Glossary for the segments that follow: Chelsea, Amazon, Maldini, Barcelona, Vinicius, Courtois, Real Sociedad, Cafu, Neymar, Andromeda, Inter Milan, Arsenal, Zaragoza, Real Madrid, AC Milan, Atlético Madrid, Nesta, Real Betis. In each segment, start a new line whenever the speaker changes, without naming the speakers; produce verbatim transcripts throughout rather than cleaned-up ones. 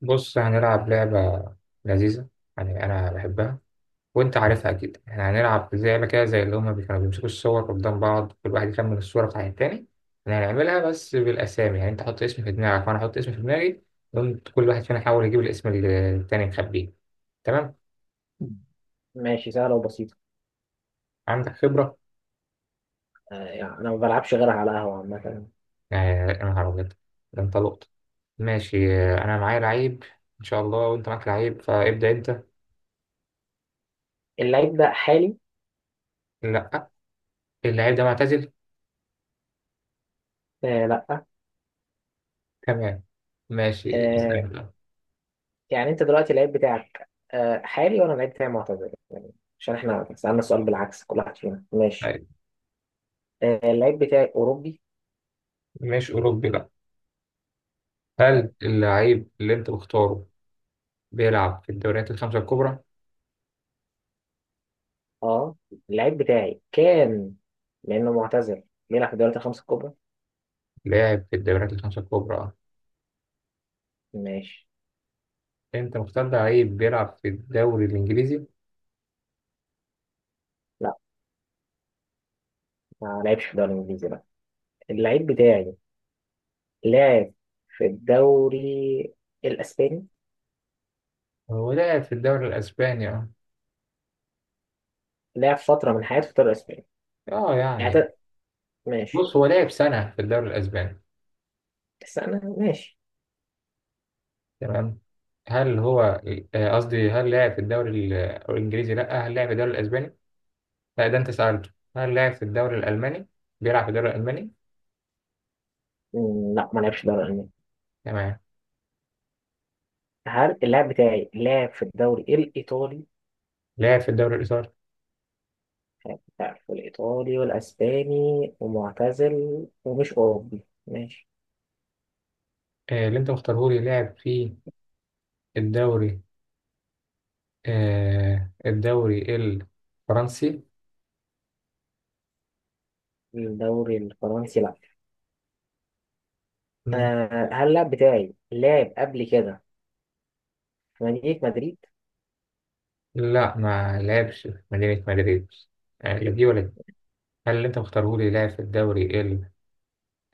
بص، هنلعب لعبة لذيذة. يعني أنا بحبها. وأنت عارفها أكيد. إحنا هنلعب زي لعبة كده، زي اللي هما بي- كانوا بيمسكوا الصور قدام بعض، كل واحد يخمن الصورة بتاعت التاني. إحنا هنعملها بس بالأسامي. يعني أنت حط اسم في دماغك وأنا أحط اسم في دماغي. وأنت كل واحد فينا يحاول يجيب الاسم اللي التاني مخبيه. تمام؟
ماشي، سهلة وبسيطة.
عندك خبرة.
آه يعني أنا ما بلعبش غيرها على قهوة عامة.
يعني أنا هربت، ده أنت لقطة. ماشي. أنا معايا لعيب إن شاء الله، وأنت معاك لعيب فابدأ أنت.
اللعيب ده حالي.
لأ، اللعيب ده معتزل.
آه لأ
تمام، ماشي اسأل
آه
بقى.
يعني أنت دلوقتي اللعيب بتاعك آه حالي وأنا اللعيب بتاعي معتزل، يعني عشان إحنا سألنا السؤال بالعكس. كل واحد فينا ماشي. آه اللعيب بتاعي أوروبي
مش أوروبي، لأ. هل
حالي.
اللعيب اللي انت مختاره بيلعب في الدوريات الخمسة الكبرى؟
أه اللعيب بتاعي كان، لأنه معتزل، بيلعب في الدوريات الخمسة الكبرى.
لاعب في الدوريات الخمسة الكبرى، اه.
ماشي.
انت مختار لعيب بيلعب في الدوري الانجليزي؟
لأ، ما لعبش في الدوري الإنجليزي، لأ. اللعيب بتاعي لعب في الدوري الإسباني.
هو لاعب في الدوري الاسباني، اه.
لعب فترة من حياته في الدوري الإسباني.
اه يعني.
اعت- ماشي،
بص، هو لاعب سنة في الدوري الاسباني.
بس انا ماشي.
تمام. هل هو، آه، قصدي، هل لاعب في الدوري ال- الانجليزي؟ لا، هل لاعب في الدوري الاسباني؟ لا، ده انت سألته. هل لاعب في الدوري الالماني؟ بيلعب في الدوري الالماني؟
مم، لا، ما لعبش الدوري الالماني.
تمام.
هل اللاعب بتاعي لعب في الدوري الايطالي؟
لاعب في الدوري الايطالي؟
لعب في الايطالي والاسباني ومعتزل ومش اوروبي. ماشي.
آه، اللي انت مختاره لي لاعب في الدوري، آه الدوري الفرنسي؟
الدوري الفرنسي، لا.
مم.
آه هل اللاعب بتاعي لعب قبل كده في مدينة مدريد؟
لا، ما لعبش في مدينة مدريد. يعني لا دي ولا دي. هل اللي انت مختاره لي لعب في الدوري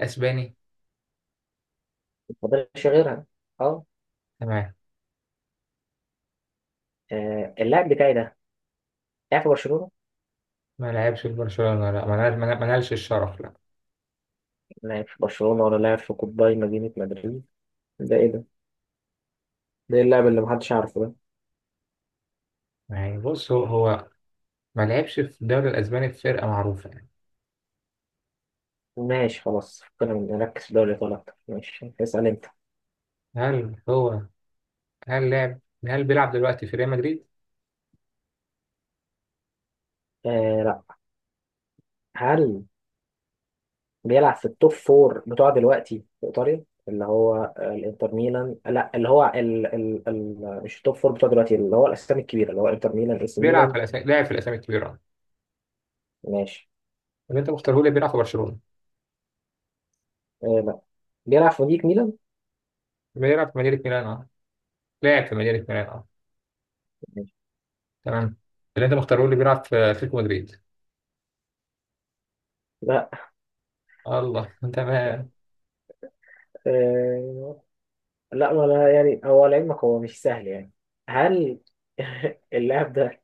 الأسباني؟
ما فاضلش غيرها، اه.
تمام.
آه، اللاعب بتاعي ده لعب في برشلونة.
ما لعبش في برشلونة، لا، ما نال- ما نال- ما نالش الشرف، لا.
لعب في برشلونة ولا لعب في قطبي مدينة مدريد؟ ده ايه ده؟ ده إيه اللاعب اللي محدش عارفه ده؟
يعني بص، هو هو ما لعبش في الدوري الأسباني في فرقة معروفة، يعني.
ماشي، خلاص، فكنا من- نركز في دوري الأبطال أكتر. ماشي، اسأل أنت.
هل هو هل لعب هل بيلعب دلوقتي في ريال مدريد؟
آه لا. هل بيلعب في التوب فور بتوع دلوقتي في إيطاليا، اللي هو آه، الإنتر ميلان؟ لا، اللي هو ال... ال... ال... مش التوب فور بتوع دلوقتي، اللي هو الأسامي الكبيرة، اللي هو إنتر ميلان، إي سي
بيلعب في
ميلان.
الأسامي لاعب في الأسامي الكبيرة، اه.
ماشي.
اللي انت مختاره لي بيلعب في برشلونة؟
آه لا، بيلعب في نادي ميلان.
بيلعب في مدينة ميلان، اه؟ لاعب في مدينة ميلان، اه.
ماشي.
تمام. اللي انت مختاره اللي بيلعب في اتلتيكو مدريد؟
لا.
الله، تمام.
آه لا، ولا يعني. هو لعلمك هو مش سهل يعني. هل اللاعب ده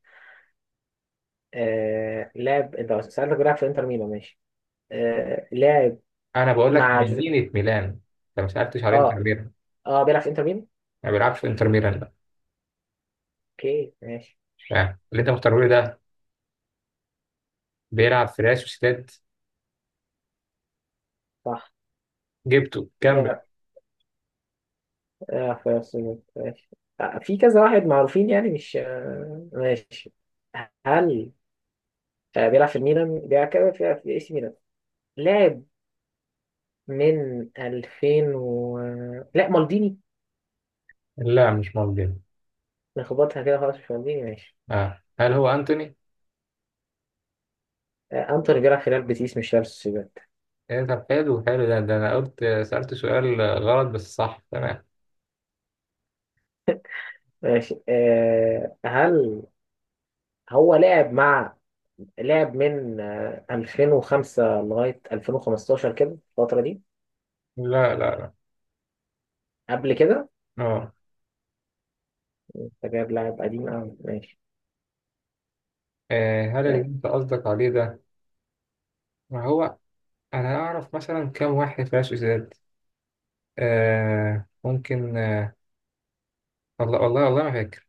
آه لاعب؟ أنت سألتك بيلعب في إنتر ميلان، ماشي. آه لاعب
انا بقول لك في
مع
مدينه ميلان، انت ما سالتش على انتر
اه
ميلان.
اه بيلعب في انتر ميامي.
ما بيلعبش في انتر ميلان بقى.
اوكي، ماشي.
تمام. اللي انت مختاره لي ده بيلعب في ريال سوسيداد؟
صح.
جبته، كمل.
لعب آه في أرسنال، ماشي. آه في كذا واحد معروفين يعني، مش آه ماشي. هل آه بيلعب في الميلان؟ بيلعب كده في في اي سي ميلان. لعب من ألفين و... لا، مالديني.
لا، مش موجود.
نخبطها كده خلاص. مش مالديني، ماشي.
اه، هل هو انتوني؟
آه انتوني بيلعب في ريال بيتيس، مش ريال سوسيداد.
ايه؟ طب حلو، حلو ده، ده انا قلت سالت سؤال غلط، بس صح، تمام.
ماشي. آه هل هو لعب مع، لعب من آه ألفين وخمسة لغاية ألفين وخمسة عشر كده، الفترة دي،
لا لا لا.
قبل كده؟
اه.
انت جايب لاعب قديم أوي، ماشي.
آه، هل اللي
ده-
انت قصدك عليه ده، ما هو انا اعرف مثلا كام واحد في ريال سوسيداد. آه ممكن، آه، والله والله والله ما فاكر.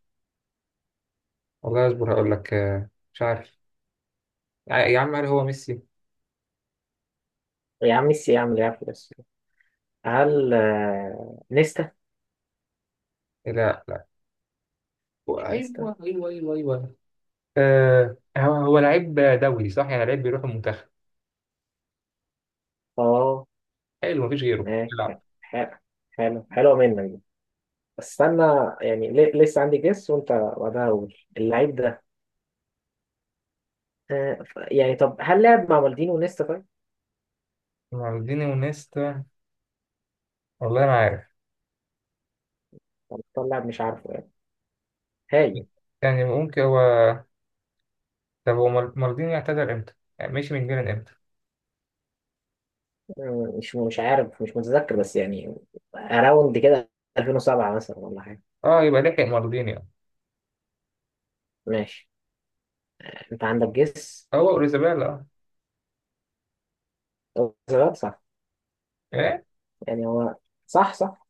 والله اصبر هقول لك، آه، مش عارف. يا يا عم، هل هو ميسي؟
يا عم ميسي، يا عم لعب في بس. هل آه، نيستا؟
لا لا. هو-
مش نيستا.
ايوه ايوه ايوه ايوه. آه هو هو لعيب دولي، صح؟ يعني لعيب بيروح المنتخب.
اه،
حلو، مفيش غيره
ماشي.
يلعب.
حلو، حلو. حلو، حلوة منك دي. بس استنى، يعني ليه- لسه عندي جيس وانت بعدها اقول اللعيب ده. آه، ف- يعني طب هل لعب مع مالديني ونيستا طيب؟
مالديني ونيستا؟ والله ما عارف.
طب طلع لاعب مش عارفه يعني. هاي.
يعني ممكن هو. طب هو مال- مالديني اعتزل امتى؟ يعني مشي من ميلان امتى؟
آه، مش مش عارف، مش متذكر، بس يعني اراوند كده ألفين وسبعة مثلا ولا حاجة.
اه، يبقى لحق مالديني، اه.
ماشي. انت عندك جيس.
هو اوريزابيلا، اه؟
صح.
ايه؟
يعني هو صح، صح.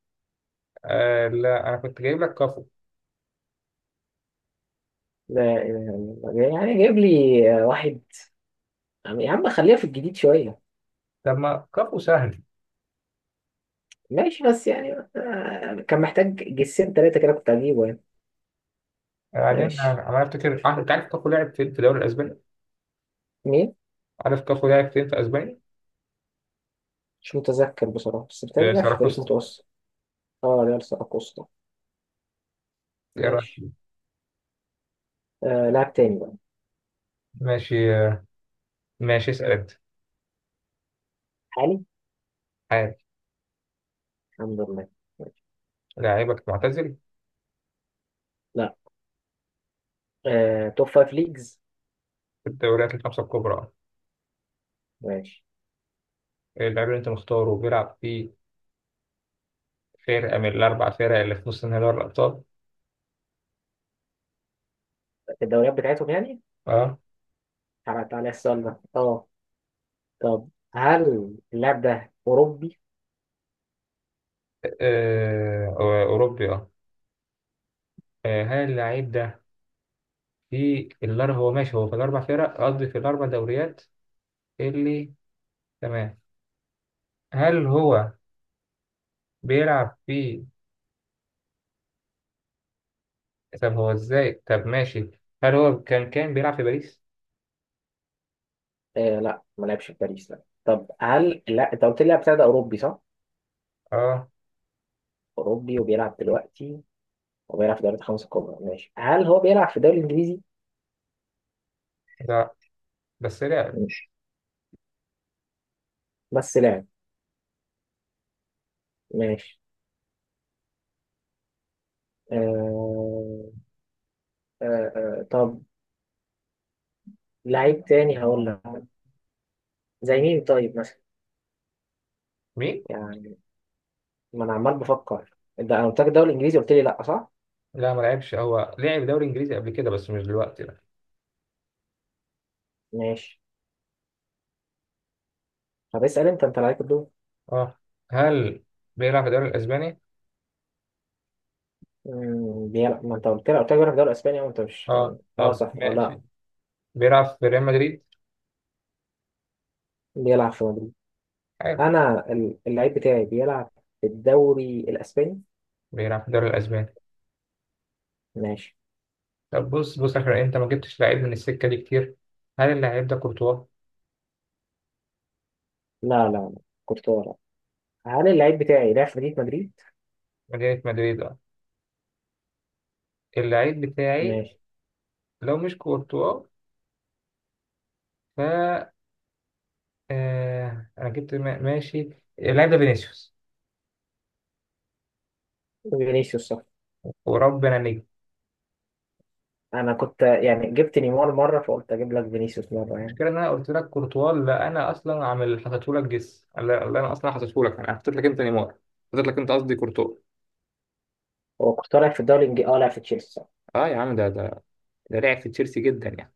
آه لا، انا كنت جايب لك كافو.
لا إله إلا الله، يعني جايب لي آه، واحد. يا عم خليها في الجديد شوية.
طب ما كافو سهل.
ماشي، بس يعني آه، كان محتاج جسين تلاتة كده كنت هجيبه يعني.
بعدين
ماشي.
انا أنا افتكر، آه، انت عارف كافو لعب في في الدوري الاسباني.
مين؟
عارف كافو لعب فين في اسبانيا؟
مش متذكر بصراحة، بس بتهيألي
في
لعب في فريق
ساراكوستا.
متوسط. اه، ريال سيراكوسا،
ايه رايك
ماشي.
فيه؟
آه لاعب تاني بقى.
ماشي. ماشي، اسال انت.
حالي.
عادي.
الحمد لله. ماشي.
لاعبك معتزل؟
لا. آه توب فايف ليجز.
في الدوريات الخمسه الكبرى.
ماشي.
اللاعب اللي انت مختاره بيلعب في فرقه من الاربع فرق اللي في نص نهائي دوري الابطال؟
الدوريات بتاعتهم يعني.
اه.
تعالى تعالى السؤال ده اه. طب هل اللاعب ده أوروبي؟
آه، اوروبي، اه. آه، هل اللاعب ده في الاربع، هو ماشي، هو في الاربع فرق، قصدي في الاربع دوريات اللي، تمام. هل هو بيلعب في، طب هو ازاي، طب ماشي، هل هو كان كان بيلعب في باريس؟
آه لا ما لعبش في باريس، لا. طب هل، لا، انت قلت لي لاعب ده اوروبي صح؟
اه
اوروبي وبيلعب دلوقتي، وبيلعب في دوري الخمسة الكبرى، ماشي. هل هو بيلعب في الدوري الانجليزي؟
لا. بس لا.
ماشي، بس لاعب، ماشي. آه... آه... آه... طب، لعيب تاني هقول لك. زي مين طيب مثلا؟
مين؟
يعني ما انا عمال بفكر. ده انا قلت لك الدوري الانجليزي، قلت لي لا، صح؟
لا، ما لعبش، هو لعب دوري انجليزي قبل كده بس مش دلوقتي، لا.
ماشي. طب اسال انت، انت لعيب الدول.
اه، هل بيلعب في الدوري الاسباني؟
مم، بيلعب. ما انت قلت لي، قلت لك بيلعب في الدوري الاسباني، وانت مش اه
اه،
آه،
طب
صح، اه، لا.
ماشي. بيلعب في ريال مدريد؟
بيلعب في مدريد.
حلو.
انا ال- اللعيب بتاعي بيلعب في الدوري الاسباني.
بيلعب في الدوري الاسباني.
ماشي.
طب بص، بص اخر انت ما جبتش لعيب من السكه دي كتير. هل اللاعب ده كورتوا؟
لا لا لا، كنت ورا. هل اللعيب بتاعي لعب في مدينة مدريد؟
مدينه مدريد، اه. اللعيب بتاعي
ماشي.
لو مش كورتوا، ف، آه... انا جبت، ما- ماشي. اللاعب ده فينيسيوس؟
فينيسيوس، صح.
وربنا.
انا كنت يعني جبت نيمار مره، فقلت اجيب لك فينيسيوس مره يعني.
المشكله ان انا قلت لك كورتوا لا، انا اصلا عامل حاطته لك جس. لا لا انا اصلا حاطته لك، انا حطيت لك انت نيمار. حطيت لك انت قصدي كورتوا.
هو كنت لعب في الدوري الانجليزي، اه، لعب في تشيلسي.
اه يا عم، ده ده ده لعب في تشيلسي جدا يعني.